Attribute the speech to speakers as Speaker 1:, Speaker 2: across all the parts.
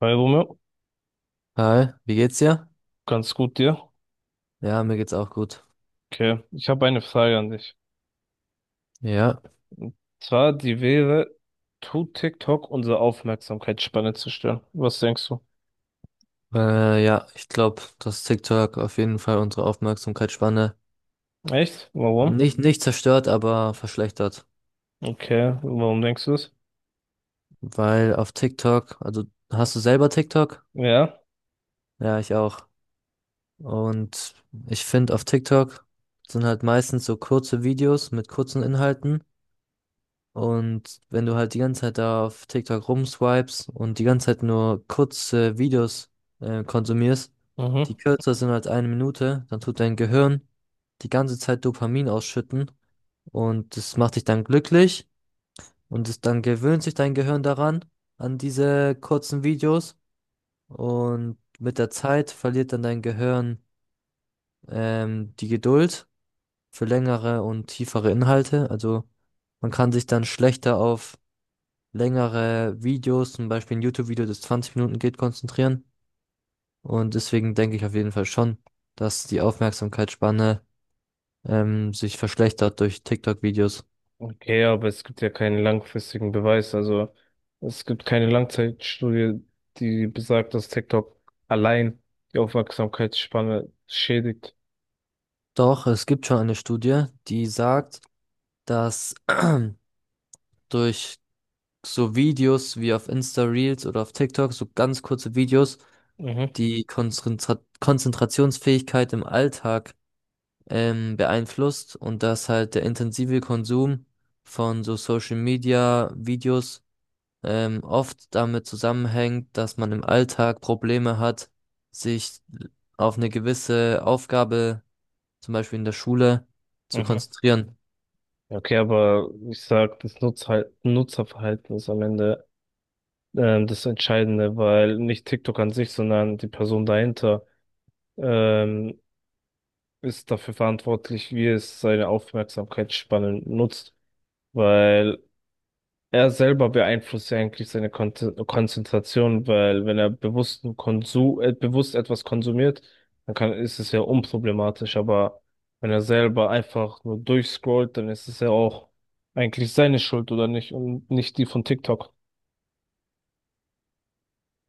Speaker 1: Hi Romeo,
Speaker 2: Hi, wie geht's dir?
Speaker 1: ganz gut, dir?
Speaker 2: Ja, mir geht's auch gut.
Speaker 1: Okay, ich habe eine Frage an dich.
Speaker 2: Ja,
Speaker 1: Zwar, die wäre, tut TikTok unsere Aufmerksamkeitsspanne zerstören? Was denkst du?
Speaker 2: ja, ich glaube, dass TikTok auf jeden Fall unsere Aufmerksamkeitsspanne
Speaker 1: Echt? Warum?
Speaker 2: nicht zerstört, aber verschlechtert.
Speaker 1: Okay, warum denkst du es?
Speaker 2: Weil auf TikTok, also, hast du selber TikTok?
Speaker 1: Ja,
Speaker 2: Ja, ich auch. Und ich finde, auf TikTok sind halt meistens so kurze Videos mit kurzen Inhalten. Und wenn du halt die ganze Zeit da auf TikTok rumswipes und die ganze Zeit nur kurze Videos konsumierst,
Speaker 1: mhm.
Speaker 2: die kürzer sind als eine Minute, dann tut dein Gehirn die ganze Zeit Dopamin ausschütten und das macht dich dann glücklich und es dann gewöhnt sich dein Gehirn daran, an diese kurzen Videos, und mit der Zeit verliert dann dein Gehirn die Geduld für längere und tiefere Inhalte. Also, man kann sich dann schlechter auf längere Videos, zum Beispiel ein YouTube-Video, das 20 Minuten geht, konzentrieren. Und deswegen denke ich auf jeden Fall schon, dass die Aufmerksamkeitsspanne sich verschlechtert durch TikTok-Videos.
Speaker 1: Okay, aber es gibt ja keinen langfristigen Beweis. Also, es gibt keine Langzeitstudie, die besagt, dass TikTok allein die Aufmerksamkeitsspanne schädigt.
Speaker 2: Doch, es gibt schon eine Studie, die sagt, dass durch so Videos wie auf Insta Reels oder auf TikTok, so ganz kurze Videos,
Speaker 1: Mhm,
Speaker 2: die Konzentrationsfähigkeit im Alltag beeinflusst und dass halt der intensive Konsum von so Social Media Videos oft damit zusammenhängt, dass man im Alltag Probleme hat, sich auf eine gewisse Aufgabe, zum Beispiel in der Schule, zu
Speaker 1: mhm.
Speaker 2: konzentrieren.
Speaker 1: Okay, aber ich sag, das Nutzerverhalten ist am Ende, das Entscheidende, weil nicht TikTok an sich, sondern die Person dahinter, ähm, ist dafür verantwortlich, wie es seine Aufmerksamkeitsspannen nutzt, weil er selber beeinflusst ja eigentlich seine Konzentration, weil wenn er bewusst etwas konsumiert, dann ist es ja unproblematisch, aber wenn er selber einfach nur durchscrollt, dann ist es ja auch eigentlich seine Schuld oder nicht und nicht die von TikTok.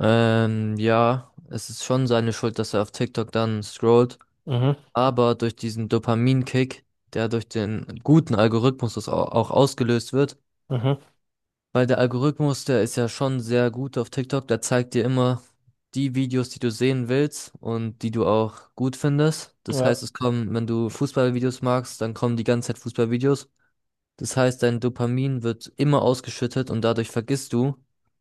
Speaker 2: Ja, es ist schon seine Schuld, dass er auf TikTok dann scrollt,
Speaker 1: Mhm,
Speaker 2: aber durch diesen Dopaminkick, der durch den guten Algorithmus auch ausgelöst wird.
Speaker 1: mhm.
Speaker 2: Weil der Algorithmus, der ist ja schon sehr gut auf TikTok, der zeigt dir immer die Videos, die du sehen willst und die du auch gut findest. Das heißt,
Speaker 1: Ja.
Speaker 2: es kommen, wenn du Fußballvideos magst, dann kommen die ganze Zeit Fußballvideos. Das heißt, dein Dopamin wird immer ausgeschüttet und dadurch vergisst du,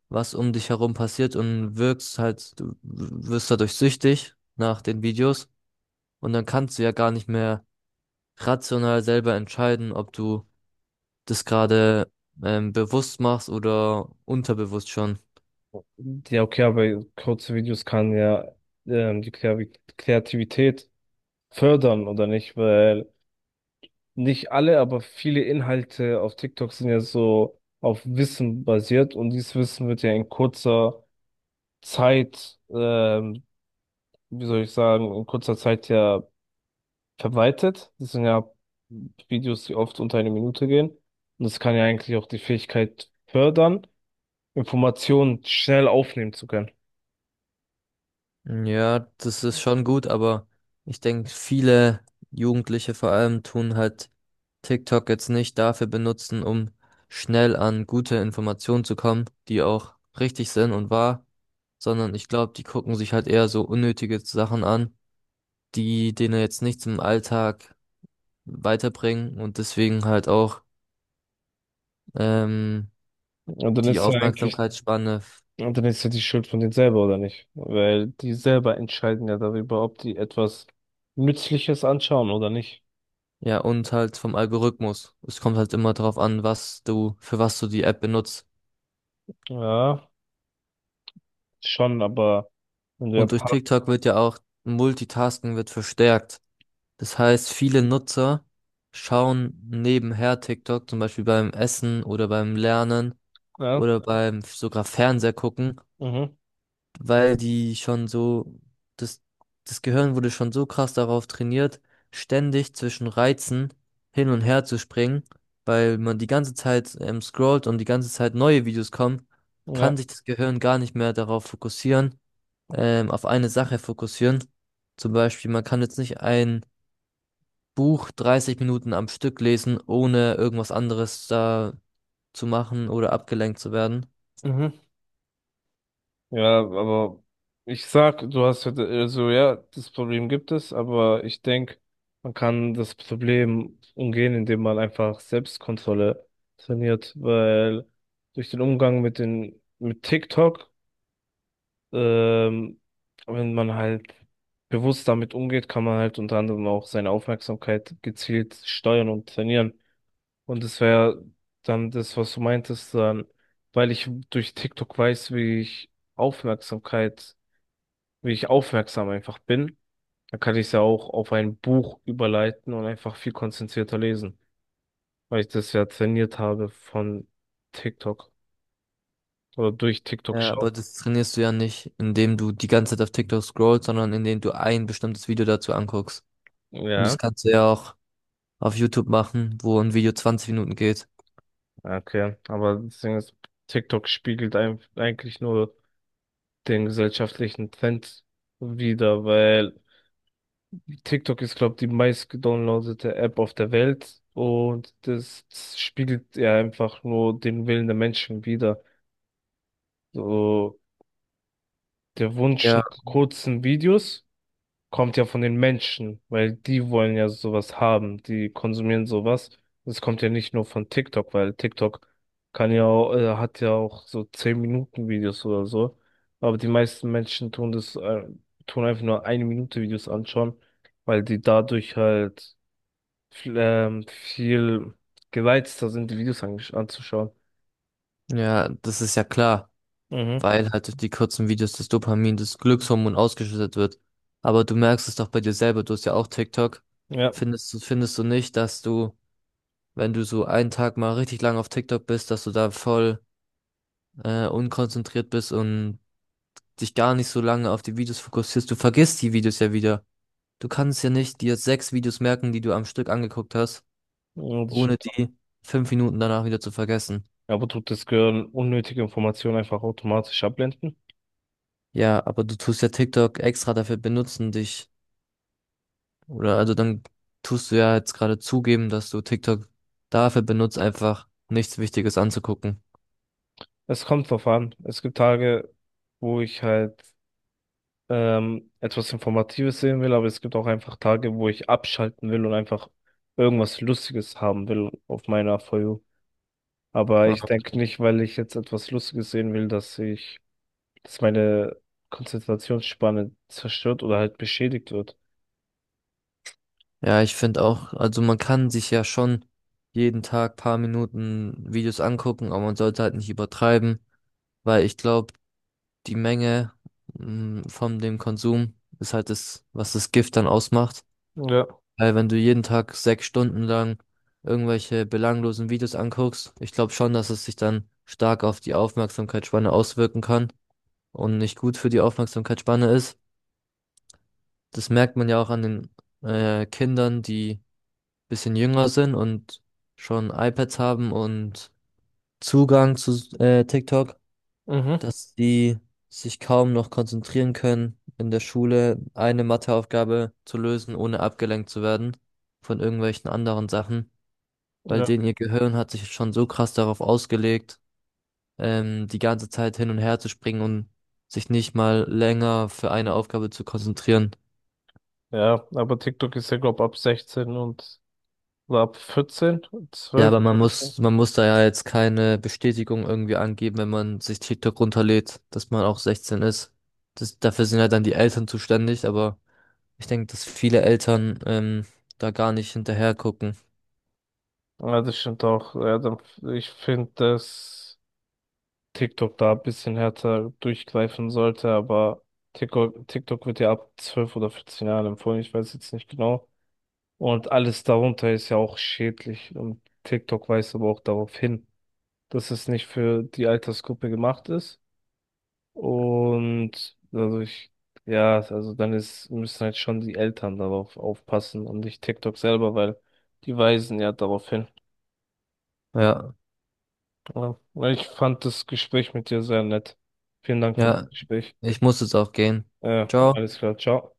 Speaker 2: was um dich herum passiert, und wirkst halt, du wirst dadurch süchtig nach den Videos und dann kannst du ja gar nicht mehr rational selber entscheiden, ob du das gerade bewusst machst oder unterbewusst schon.
Speaker 1: Ja, okay, aber kurze Videos kann ja, die Kreativität fördern, oder nicht? Weil nicht alle, aber viele Inhalte auf TikTok sind ja so auf Wissen basiert und dieses Wissen wird ja in kurzer Zeit, wie soll ich sagen, in kurzer Zeit ja verwaltet. Das sind ja Videos, die oft unter eine Minute gehen. Und das kann ja eigentlich auch die Fähigkeit fördern, Informationen schnell aufnehmen zu können.
Speaker 2: Ja, das ist schon gut, aber ich denke, viele Jugendliche vor allem tun halt TikTok jetzt nicht dafür benutzen, um schnell an gute Informationen zu kommen, die auch richtig sind und wahr, sondern ich glaube, die gucken sich halt eher so unnötige Sachen an, die denen jetzt nichts im Alltag weiterbringen und deswegen halt auch ähm,
Speaker 1: Und dann
Speaker 2: die
Speaker 1: ist ja eigentlich
Speaker 2: Aufmerksamkeitsspanne,
Speaker 1: Und dann ist ja die Schuld von denen selber, oder nicht? Weil die selber entscheiden ja darüber, ob die etwas Nützliches anschauen oder nicht.
Speaker 2: ja, und halt vom Algorithmus. Es kommt halt immer darauf an, was du, für was du die App benutzt.
Speaker 1: Ja, schon, aber wenn du ja
Speaker 2: Und durch
Speaker 1: Part-
Speaker 2: TikTok wird ja auch Multitasking wird verstärkt. Das heißt, viele Nutzer schauen nebenher TikTok, zum Beispiel beim Essen oder beim Lernen
Speaker 1: ja,
Speaker 2: oder beim sogar Fernseher gucken,
Speaker 1: mhm,
Speaker 2: weil die schon so, das, das Gehirn wurde schon so krass darauf trainiert, ständig zwischen Reizen hin und her zu springen. Weil man die ganze Zeit scrollt und die ganze Zeit neue Videos kommen,
Speaker 1: ja,
Speaker 2: kann sich das Gehirn gar nicht mehr darauf fokussieren, auf eine Sache fokussieren. Zum Beispiel, man kann jetzt nicht ein Buch 30 Minuten am Stück lesen, ohne irgendwas anderes da zu machen oder abgelenkt zu werden.
Speaker 1: mhm. Ja, aber ich sag, du hast ja, also ja, das Problem gibt es, aber ich denke, man kann das Problem umgehen, indem man einfach Selbstkontrolle trainiert, weil durch den Umgang mit TikTok. Ähm, wenn man halt bewusst damit umgeht, kann man halt unter anderem auch seine Aufmerksamkeit gezielt steuern und trainieren. Und das wäre dann das, was du meintest, dann, weil ich durch TikTok weiß, Aufmerksamkeit, wie ich aufmerksam einfach bin, dann kann ich es ja auch auf ein Buch überleiten und einfach viel konzentrierter lesen, weil ich das ja trainiert habe von TikTok oder durch TikTok
Speaker 2: Ja,
Speaker 1: schauen.
Speaker 2: aber das trainierst du ja nicht, indem du die ganze Zeit auf TikTok scrollst, sondern indem du ein bestimmtes Video dazu anguckst. Und
Speaker 1: Ja.
Speaker 2: das kannst du ja auch auf YouTube machen, wo ein Video 20 Minuten geht.
Speaker 1: Ah, okay, aber das Ding ist, TikTok spiegelt eigentlich nur den gesellschaftlichen Trend wider, weil TikTok ist, glaube ich, die meistgedownloadete App auf der Welt und das spiegelt ja einfach nur den Willen der Menschen wider. So der Wunsch
Speaker 2: Ja,
Speaker 1: nach kurzen Videos. Kommt ja von den Menschen, weil die wollen ja sowas haben, die konsumieren sowas. Das kommt ja nicht nur von TikTok, weil TikTok hat ja auch so 10 Minuten Videos oder so. Aber die meisten Menschen tun einfach nur eine Minute Videos anschauen, weil die dadurch halt viel gereizter sind, die Videos anzuschauen.
Speaker 2: ja, das ist ja klar.
Speaker 1: Mhm,
Speaker 2: Weil halt durch die kurzen Videos das Dopamin, das Glückshormon, ausgeschüttet wird. Aber du merkst es doch bei dir selber, du hast ja auch TikTok.
Speaker 1: ja.
Speaker 2: Findest du nicht, dass du, wenn du so einen Tag mal richtig lang auf TikTok bist, dass du da voll unkonzentriert bist und dich gar nicht so lange auf die Videos fokussierst? Du vergisst die Videos ja wieder. Du kannst ja nicht dir sechs Videos merken, die du am Stück angeguckt hast,
Speaker 1: Und ich-
Speaker 2: ohne die 5 Minuten danach wieder zu vergessen.
Speaker 1: Aber tut das Gehirn unnötige Informationen einfach automatisch abblenden?
Speaker 2: Ja, aber du tust ja TikTok extra dafür benutzen, dich. Oder also, dann tust du ja jetzt gerade zugeben, dass du TikTok dafür benutzt, einfach nichts Wichtiges anzugucken.
Speaker 1: Es kommt drauf an. Es gibt Tage, wo ich halt, etwas Informatives sehen will, aber es gibt auch einfach Tage, wo ich abschalten will und einfach irgendwas Lustiges haben will auf meiner For You. Aber ich
Speaker 2: Ja,
Speaker 1: denke nicht, weil ich jetzt etwas Lustiges sehen will, dass meine Konzentrationsspanne zerstört oder halt beschädigt wird.
Speaker 2: ja, ich finde auch, also man kann sich ja schon jeden Tag paar Minuten Videos angucken, aber man sollte halt nicht übertreiben, weil ich glaube, die Menge von dem Konsum ist halt das, was das Gift dann ausmacht.
Speaker 1: Ja,
Speaker 2: Weil wenn du jeden Tag 6 Stunden lang irgendwelche belanglosen Videos anguckst, ich glaube schon, dass es sich dann stark auf die Aufmerksamkeitsspanne auswirken kann und nicht gut für die Aufmerksamkeitsspanne ist. Das merkt man ja auch an den Kindern, die ein bisschen jünger sind und schon iPads haben und Zugang zu TikTok,
Speaker 1: mhm.
Speaker 2: dass die sich kaum noch konzentrieren können, in der Schule eine Matheaufgabe zu lösen, ohne abgelenkt zu werden von irgendwelchen anderen Sachen, weil
Speaker 1: Ja,
Speaker 2: denen ihr Gehirn hat sich schon so krass darauf ausgelegt, die ganze Zeit hin und her zu springen und sich nicht mal länger für eine Aufgabe zu konzentrieren.
Speaker 1: ja, aber TikTok ist ja, glaube ab 16 und oder ab 14,
Speaker 2: Ja,
Speaker 1: 12.
Speaker 2: aber man muss da ja jetzt keine Bestätigung irgendwie angeben, wenn man sich TikTok runterlädt, dass man auch 16 ist. Das, dafür sind ja dann die Eltern zuständig, aber ich denke, dass viele Eltern da gar nicht hinterher gucken.
Speaker 1: Ja, das stimmt auch. Ja, dann, ich finde, dass TikTok da ein bisschen härter durchgreifen sollte, aber TikTok wird ja ab 12 oder 14 Jahren empfohlen, ich weiß jetzt nicht genau. Und alles darunter ist ja auch schädlich. Und TikTok weist aber auch darauf hin, dass es nicht für die Altersgruppe gemacht ist. Und dadurch, ja, also dann müssen halt schon die Eltern darauf aufpassen und nicht TikTok selber, weil die weisen ja darauf hin.
Speaker 2: Ja,
Speaker 1: Ja. Ich fand das Gespräch mit dir sehr nett. Vielen Dank für das
Speaker 2: ja,
Speaker 1: Gespräch.
Speaker 2: ich muss jetzt auch gehen.
Speaker 1: Äh,
Speaker 2: Ciao.
Speaker 1: Alles klar, ciao.